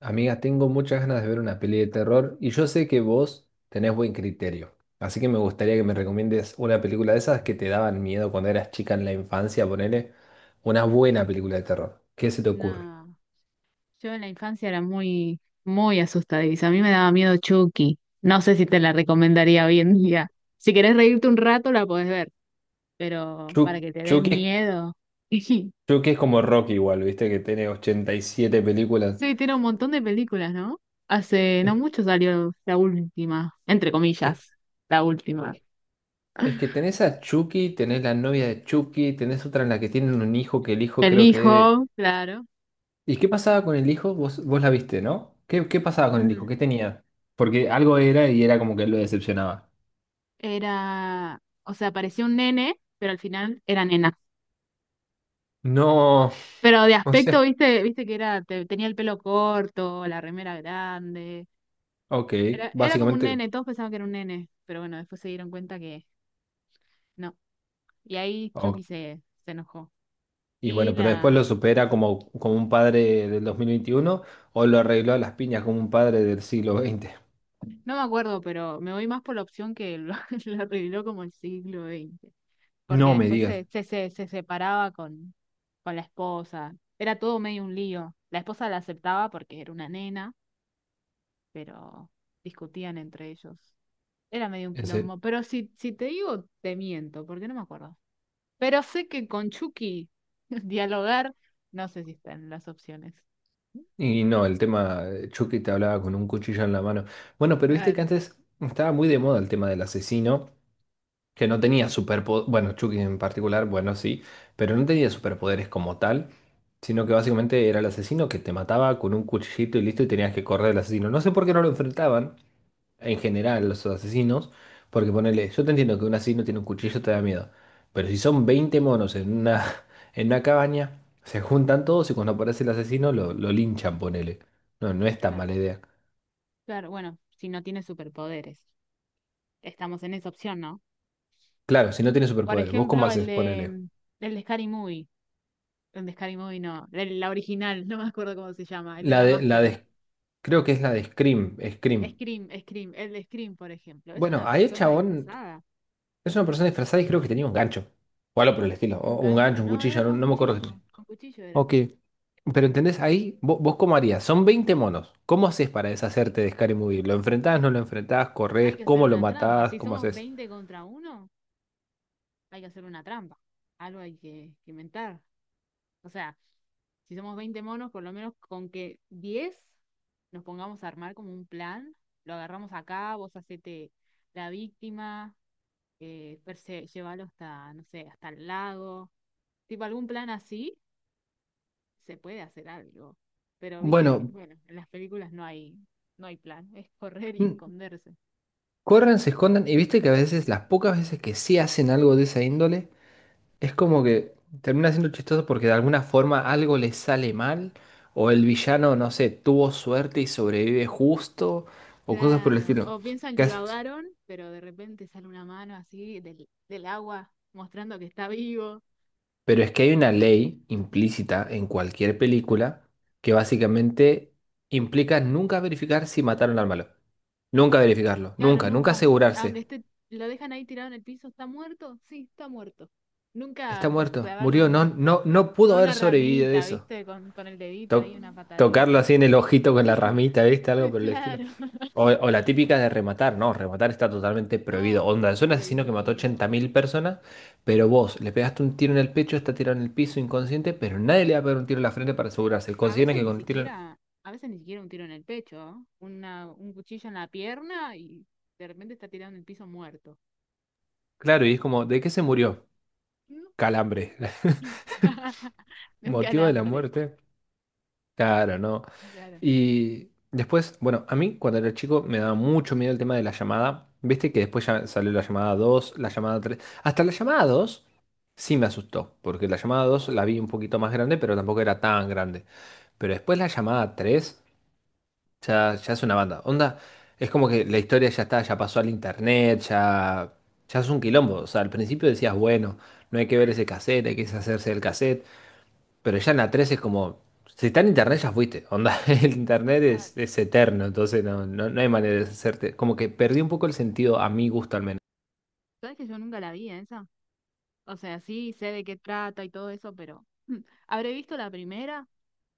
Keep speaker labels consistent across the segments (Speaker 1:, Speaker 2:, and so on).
Speaker 1: Amiga, tengo muchas ganas de ver una peli de terror y yo sé que vos tenés buen criterio. Así que me gustaría que me recomiendes una película de esas que te daban miedo cuando eras chica en la infancia, ponele una buena película de terror. ¿Qué se te ocurre?
Speaker 2: No, yo en la infancia era muy, muy asustadiza. A mí me daba miedo Chucky. No sé si te la recomendaría hoy en día. Si querés reírte un rato, la podés ver, pero para que te dé
Speaker 1: Chucky,
Speaker 2: miedo.
Speaker 1: Chucky es como Rocky igual, viste que tiene 87 películas.
Speaker 2: Sí, tiene un montón de películas, ¿no? Hace no
Speaker 1: Es,
Speaker 2: mucho salió la última, entre
Speaker 1: es-
Speaker 2: comillas, la última.
Speaker 1: es que tenés a Chucky, tenés la novia de Chucky, tenés otra en la que tienen un hijo que el hijo
Speaker 2: El
Speaker 1: creo que...
Speaker 2: hijo, claro.
Speaker 1: ¿Y qué pasaba con el hijo? Vos la viste, ¿no? ¿Qué pasaba con el hijo?
Speaker 2: Mm.
Speaker 1: ¿Qué tenía? Porque algo era y era como que lo decepcionaba.
Speaker 2: Era, o sea, parecía un nene, pero al final era nena.
Speaker 1: No,
Speaker 2: Pero de
Speaker 1: no
Speaker 2: aspecto,
Speaker 1: sé.
Speaker 2: viste que era, tenía el pelo corto, la remera grande.
Speaker 1: Ok,
Speaker 2: Era como un
Speaker 1: básicamente.
Speaker 2: nene, todos pensaban que era un nene, pero bueno, después se dieron cuenta que no. Y ahí Chucky
Speaker 1: Ok.
Speaker 2: se enojó.
Speaker 1: Y
Speaker 2: Y
Speaker 1: bueno, pero después lo supera como, como un padre del 2021 o lo arregló a las piñas como un padre del siglo XX.
Speaker 2: no me acuerdo, pero me voy más por la opción que lo, lo reveló como el siglo XX. Porque
Speaker 1: No me
Speaker 2: después
Speaker 1: digas.
Speaker 2: se separaba con la esposa. Era todo medio un lío. La esposa la aceptaba porque era una nena, pero discutían entre ellos. Era medio un
Speaker 1: En serio.
Speaker 2: quilombo, pero si te digo, te miento, porque no me acuerdo. Pero sé que con Chucky dialogar, no sé si están las opciones.
Speaker 1: Y no, el tema, Chucky te hablaba con un cuchillo en la mano. Bueno, pero viste que
Speaker 2: Claro.
Speaker 1: antes estaba muy de moda el tema del asesino que no tenía superpoderes, bueno, Chucky en particular, bueno, sí, pero no tenía superpoderes como tal, sino que básicamente era el asesino que te mataba con un cuchillito y listo, y tenías que correr del asesino. No sé por qué no lo enfrentaban en general los asesinos, porque ponele, yo te entiendo que un asesino tiene un cuchillo te da miedo, pero si son 20 monos en una, en una cabaña, se juntan todos y cuando aparece el asesino lo linchan, ponele. No, no es tan
Speaker 2: Claro.
Speaker 1: mala idea.
Speaker 2: Claro, bueno, si no tiene superpoderes. Estamos en esa opción, ¿no?
Speaker 1: Claro, si no tiene
Speaker 2: Por
Speaker 1: superpoderes, ¿vos cómo
Speaker 2: ejemplo, el
Speaker 1: haces?
Speaker 2: de
Speaker 1: Ponele.
Speaker 2: mm, el de Scary Movie. El de Scary Movie no, la original, no me acuerdo cómo se llama, el de
Speaker 1: La
Speaker 2: la
Speaker 1: de, la
Speaker 2: máscara.
Speaker 1: de, creo que es la de Scream, Scream.
Speaker 2: Scream, Scream, el de Scream, por ejemplo. Es
Speaker 1: Bueno,
Speaker 2: una
Speaker 1: ahí el
Speaker 2: persona
Speaker 1: chabón
Speaker 2: disfrazada.
Speaker 1: es una persona disfrazada y creo que tenía un gancho. O algo por el estilo.
Speaker 2: Un
Speaker 1: O un
Speaker 2: gancho.
Speaker 1: gancho, un
Speaker 2: No,
Speaker 1: cuchillo,
Speaker 2: era
Speaker 1: no, no me acuerdo qué tenía.
Speaker 2: con cuchillo era.
Speaker 1: Ok. Pero entendés, ahí vos, ¿vos cómo harías? Son 20 monos. ¿Cómo haces para deshacerte de Scary Movie? ¿Lo enfrentás, no lo enfrentás?
Speaker 2: Hay
Speaker 1: ¿Corrés?
Speaker 2: que hacer
Speaker 1: ¿Cómo lo
Speaker 2: una trampa.
Speaker 1: matás?
Speaker 2: Si
Speaker 1: ¿Cómo
Speaker 2: somos
Speaker 1: haces?
Speaker 2: 20 contra 1, hay que hacer una trampa. Algo hay que inventar. O sea, si somos 20 monos, por lo menos con que 10 nos pongamos a armar como un plan, lo agarramos acá, vos hacete la víctima, llévalo hasta, no sé, hasta el lago. Tipo, algún plan así, se puede hacer algo. Pero viste que,
Speaker 1: Bueno,
Speaker 2: bueno, en las películas no hay plan, es correr y
Speaker 1: mm,
Speaker 2: esconderse.
Speaker 1: corran, se escondan, y viste que a veces, las pocas veces que sí hacen algo de esa índole... Es como que termina siendo chistoso porque de alguna forma algo le sale mal, o el villano, no sé, tuvo suerte y sobrevive justo, o cosas por el
Speaker 2: Claro,
Speaker 1: estilo.
Speaker 2: o piensan
Speaker 1: ¿Qué
Speaker 2: que lo
Speaker 1: haces?
Speaker 2: ahogaron, pero de repente sale una mano así del agua mostrando que está vivo.
Speaker 1: Pero es que hay una ley implícita en cualquier película que básicamente implica nunca verificar si mataron al malo. Nunca verificarlo,
Speaker 2: Claro,
Speaker 1: nunca, nunca
Speaker 2: nunca, aunque
Speaker 1: asegurarse.
Speaker 2: esté, lo dejan ahí tirado en el piso, ¿está muerto? Sí, está muerto.
Speaker 1: Está
Speaker 2: Nunca
Speaker 1: muerto,
Speaker 2: clavarle
Speaker 1: murió, no, no, no
Speaker 2: con
Speaker 1: pudo
Speaker 2: una
Speaker 1: haber sobrevivido de
Speaker 2: ramita,
Speaker 1: eso.
Speaker 2: ¿viste? Con el dedito
Speaker 1: To-
Speaker 2: ahí, una
Speaker 1: tocarlo
Speaker 2: patadita.
Speaker 1: así en el ojito con la
Speaker 2: Sí,
Speaker 1: ramita, ¿viste? Algo por el estilo.
Speaker 2: claro.
Speaker 1: O la típica de rematar, no, rematar está totalmente prohibido.
Speaker 2: No,
Speaker 1: Onda, es un asesino que mató ochenta
Speaker 2: prohibido.
Speaker 1: mil personas, pero vos le pegaste un tiro en el pecho, está tirado en el piso inconsciente, pero nadie le va a pegar un tiro en la frente para asegurarse.
Speaker 2: A
Speaker 1: Consideran
Speaker 2: veces
Speaker 1: que
Speaker 2: ni
Speaker 1: con el tiro...
Speaker 2: siquiera, a veces ni siquiera un tiro en el pecho, ¿eh? Un cuchillo en la pierna y de repente está tirado en el piso muerto.
Speaker 1: Claro, y es como, ¿de qué se murió? Calambre.
Speaker 2: De un
Speaker 1: ¿Motivo de la
Speaker 2: calambre.
Speaker 1: muerte? Claro, no.
Speaker 2: Claro.
Speaker 1: Y después, bueno, a mí cuando era chico me daba mucho miedo el tema de la llamada. Viste que después ya salió la llamada dos, la llamada tres. Hasta la llamada dos sí me asustó, porque la llamada dos la vi un poquito más grande, pero tampoco era tan grande. Pero después la llamada tres ya, ya es una banda. Onda, es como que la historia ya está, ya pasó al internet, ya, ya es un quilombo. O sea, al principio decías, bueno, no hay que ver ese cassette, hay que deshacerse del cassette. Pero ya en la 3 es como, si está en internet ya fuiste, onda, el internet
Speaker 2: Claro.
Speaker 1: es eterno, entonces no, no, no hay manera de deshacerte. Como que perdí un poco el sentido a mi gusto al menos.
Speaker 2: ¿Sabes que yo nunca la vi esa? O sea, sí sé de qué trata y todo eso, pero habré visto la primera,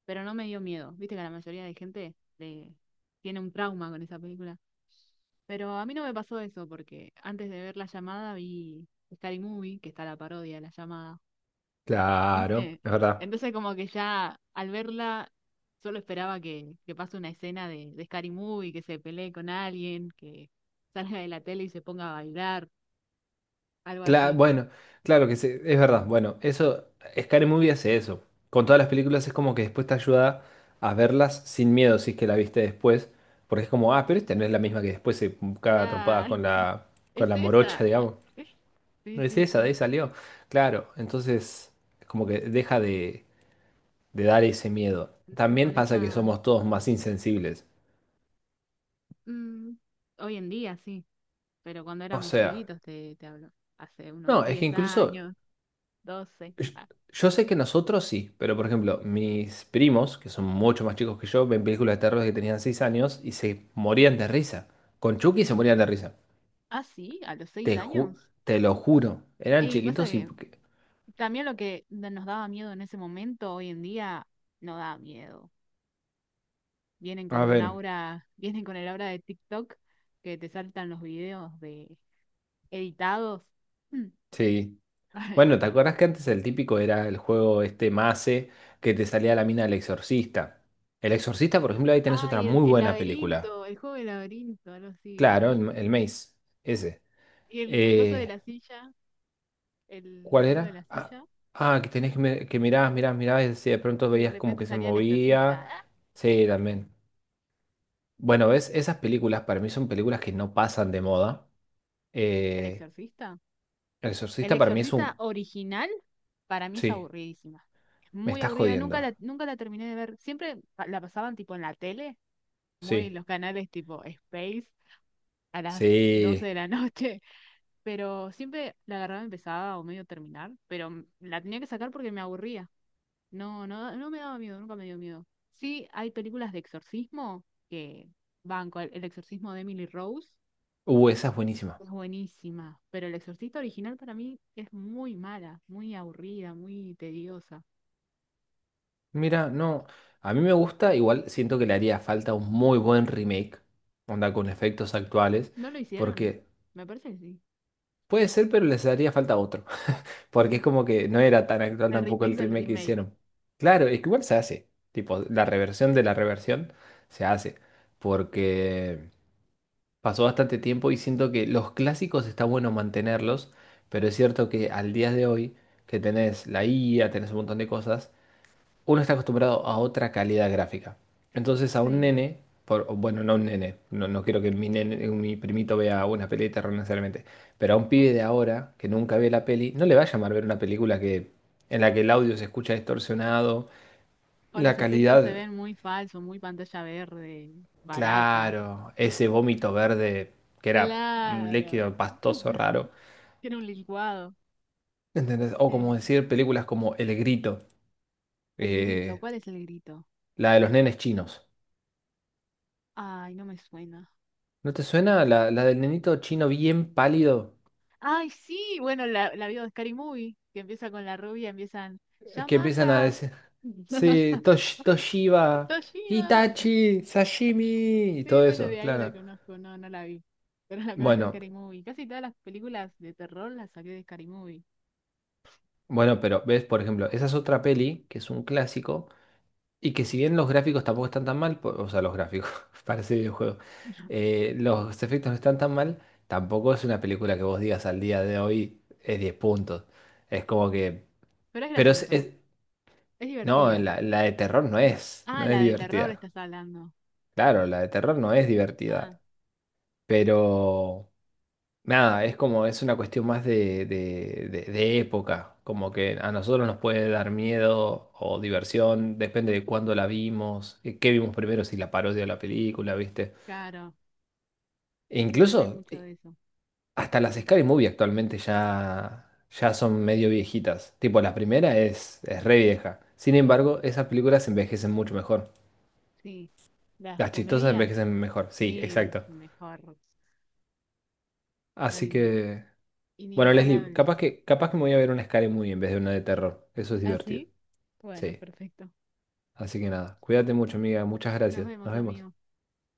Speaker 2: pero no me dio miedo. Viste que la mayoría de gente le tiene un trauma con esa película. Pero a mí no me pasó eso, porque antes de ver La Llamada vi Scary Movie, que está la parodia de La Llamada.
Speaker 1: Claro,
Speaker 2: Ujú.
Speaker 1: es verdad.
Speaker 2: Entonces como que ya al verla solo esperaba que, pase una escena de Scary Movie, que se pelee con alguien, que salga de la tele y se ponga a bailar, algo así.
Speaker 1: Bueno, claro que sí, es verdad. Bueno, eso, Scary Movie hace eso. Con todas las películas es como que después te ayuda a verlas sin miedo si es que la viste después. Porque es como, ah, pero esta no es la misma que después se caga a trompadas
Speaker 2: Claro,
Speaker 1: con
Speaker 2: es
Speaker 1: la morocha,
Speaker 2: esa. Ah,
Speaker 1: digamos.
Speaker 2: sí,
Speaker 1: No es
Speaker 2: sí,
Speaker 1: esa, de
Speaker 2: sí.
Speaker 1: ahí salió. Claro, entonces como que deja de dar ese miedo.
Speaker 2: Entonces
Speaker 1: También
Speaker 2: con
Speaker 1: pasa que
Speaker 2: esa.
Speaker 1: somos todos más insensibles.
Speaker 2: mm, Hoy en día sí, pero cuando
Speaker 1: O
Speaker 2: éramos
Speaker 1: sea,
Speaker 2: chiquitos te hablo. Hace unos
Speaker 1: no, es que
Speaker 2: 10
Speaker 1: incluso
Speaker 2: años, 12.
Speaker 1: yo,
Speaker 2: Ah,
Speaker 1: yo sé que nosotros sí, pero por ejemplo, mis primos, que son mucho más chicos que yo, ven películas de terror, que tenían 6 años y se morían de risa. Con Chucky se morían de risa.
Speaker 2: ah, sí, a los 6
Speaker 1: Te ju-
Speaker 2: años.
Speaker 1: te lo juro. Eran
Speaker 2: Y pasa
Speaker 1: chiquitos y...
Speaker 2: que también lo que nos daba miedo en ese momento, hoy en día, no da miedo. Vienen con
Speaker 1: A
Speaker 2: un
Speaker 1: ver,
Speaker 2: aura, vienen con el aura de TikTok que te saltan los videos de editados. Mm.
Speaker 1: sí. Bueno, ¿te acuerdas que antes el típico era el juego este Mace que te salía la mina del exorcista? El exorcista, por ejemplo, ahí tenés otra
Speaker 2: Ay, el,
Speaker 1: muy
Speaker 2: el
Speaker 1: buena película.
Speaker 2: laberinto, el juego del laberinto, algo así
Speaker 1: Claro,
Speaker 2: era.
Speaker 1: el Maze, ese.
Speaker 2: Y el coso de
Speaker 1: Eh,
Speaker 2: la silla, el
Speaker 1: ¿Cuál
Speaker 2: video de la
Speaker 1: era? Ah,
Speaker 2: silla,
Speaker 1: ah, que tenías que, que mirabas, mirabas, mirabas y si de pronto
Speaker 2: y de
Speaker 1: veías como
Speaker 2: repente
Speaker 1: que se
Speaker 2: salía el exorcista.
Speaker 1: movía.
Speaker 2: ¿Ah?
Speaker 1: Sí, también. Bueno, ves, esas películas para mí son películas que no pasan de moda.
Speaker 2: ¿El
Speaker 1: Eh,
Speaker 2: exorcista?
Speaker 1: El
Speaker 2: El
Speaker 1: Exorcista para mí es
Speaker 2: Exorcista
Speaker 1: un...
Speaker 2: original para mí es
Speaker 1: Sí,
Speaker 2: aburridísima. Es
Speaker 1: me
Speaker 2: muy
Speaker 1: estás
Speaker 2: aburrida. Nunca
Speaker 1: jodiendo.
Speaker 2: la, nunca la terminé de ver. Siempre la pasaban tipo en la tele, muy
Speaker 1: Sí,
Speaker 2: los canales tipo Space a las 12
Speaker 1: sí.
Speaker 2: de la noche. Pero siempre la agarraba empezaba o medio terminar. Pero la tenía que sacar porque me aburría. No, no, no me daba miedo, nunca me dio miedo. Sí, hay películas de exorcismo que van con el exorcismo de Emily Rose.
Speaker 1: Esa es buenísima.
Speaker 2: Es buenísima, pero El Exorcista original para mí es muy mala, muy aburrida, muy tediosa.
Speaker 1: Mira, no, a mí me gusta, igual siento que le haría falta un muy buen remake, onda con efectos actuales,
Speaker 2: ¿No lo hicieron?
Speaker 1: porque...
Speaker 2: Me parece que sí.
Speaker 1: Puede ser, pero les haría falta otro, porque es como que no era tan actual
Speaker 2: El
Speaker 1: tampoco
Speaker 2: remake
Speaker 1: el
Speaker 2: del
Speaker 1: remake que
Speaker 2: remake,
Speaker 1: hicieron. Claro, es que igual se hace, tipo, la reversión de la reversión se hace, porque pasó bastante tiempo y siento que los clásicos está bueno mantenerlos, pero es cierto que al día de hoy, que tenés la IA, tenés un montón de cosas, uno está acostumbrado a otra calidad gráfica. Entonces a un
Speaker 2: sí.
Speaker 1: nene, por, o bueno, no un nene, no, no quiero que mi nene, mi primito vea una peli de terror necesariamente, pero a un pibe de ahora que nunca ve la peli, no le va a llamar ver una película que, en la que el audio se escucha distorsionado,
Speaker 2: O
Speaker 1: la
Speaker 2: los efectos se
Speaker 1: calidad,
Speaker 2: ven muy falsos, muy pantalla verde, barata.
Speaker 1: claro, ese vómito verde que era un
Speaker 2: Claro.
Speaker 1: líquido pastoso raro,
Speaker 2: Tiene un licuado.
Speaker 1: ¿entendés? O como
Speaker 2: Eh,
Speaker 1: decir películas como El Grito,
Speaker 2: el grito,
Speaker 1: eh,
Speaker 2: ¿cuál es el grito?
Speaker 1: la de los nenes chinos.
Speaker 2: Ay, no me suena.
Speaker 1: ¿No te suena la, la del nenito chino bien pálido
Speaker 2: Ay, sí, bueno, la vi de Scary Movie, que empieza con la rubia, empiezan,
Speaker 1: que empiezan a
Speaker 2: Yamaha,
Speaker 1: decir, sí, Toshiba,
Speaker 2: Toshiba.
Speaker 1: Hitachi, sashimi, y
Speaker 2: Sí,
Speaker 1: todo
Speaker 2: bueno,
Speaker 1: eso,
Speaker 2: de ahí la
Speaker 1: claro?
Speaker 2: conozco, no, no la vi, pero la conozco de
Speaker 1: Bueno,
Speaker 2: Scary Movie. Casi todas las películas de terror las saqué de Scary Movie,
Speaker 1: bueno, pero ves, por ejemplo, esa es otra peli que es un clásico y que si bien los gráficos tampoco están tan mal, o sea, los gráficos, parece videojuego, los efectos no están tan mal, tampoco es una película que vos digas al día de hoy es 10 puntos. Es como que,
Speaker 2: pero es
Speaker 1: pero
Speaker 2: graciosa, es
Speaker 1: no,
Speaker 2: divertida.
Speaker 1: la de terror no es,
Speaker 2: Ah,
Speaker 1: no es
Speaker 2: la de terror
Speaker 1: divertida.
Speaker 2: estás hablando.
Speaker 1: Claro, la de terror no es
Speaker 2: Ah,
Speaker 1: divertida, pero... Nada, es como, es una cuestión más de época, como que a nosotros nos puede dar miedo o diversión, depende de cuándo la vimos, qué vimos primero, si la parodia o la película, ¿viste?
Speaker 2: claro,
Speaker 1: E
Speaker 2: depende
Speaker 1: incluso
Speaker 2: mucho de eso.
Speaker 1: hasta las
Speaker 2: Sí,
Speaker 1: Scary Movie actualmente ya, ya son medio viejitas, tipo la primera es re vieja, sin embargo, esas películas envejecen mucho mejor,
Speaker 2: sí. Las
Speaker 1: las chistosas
Speaker 2: comedias,
Speaker 1: envejecen mejor, sí,
Speaker 2: sí,
Speaker 1: exacto.
Speaker 2: mejor, son
Speaker 1: Así que, bueno, Leslie,
Speaker 2: inigualables.
Speaker 1: capaz que me voy a ver una Scary Movie en vez de una de terror, eso es
Speaker 2: ¿Ah,
Speaker 1: divertido.
Speaker 2: sí? Bueno,
Speaker 1: Sí.
Speaker 2: perfecto.
Speaker 1: Así que nada, cuídate mucho, amiga. Muchas
Speaker 2: Nos
Speaker 1: gracias.
Speaker 2: vemos,
Speaker 1: Nos vemos.
Speaker 2: amigos.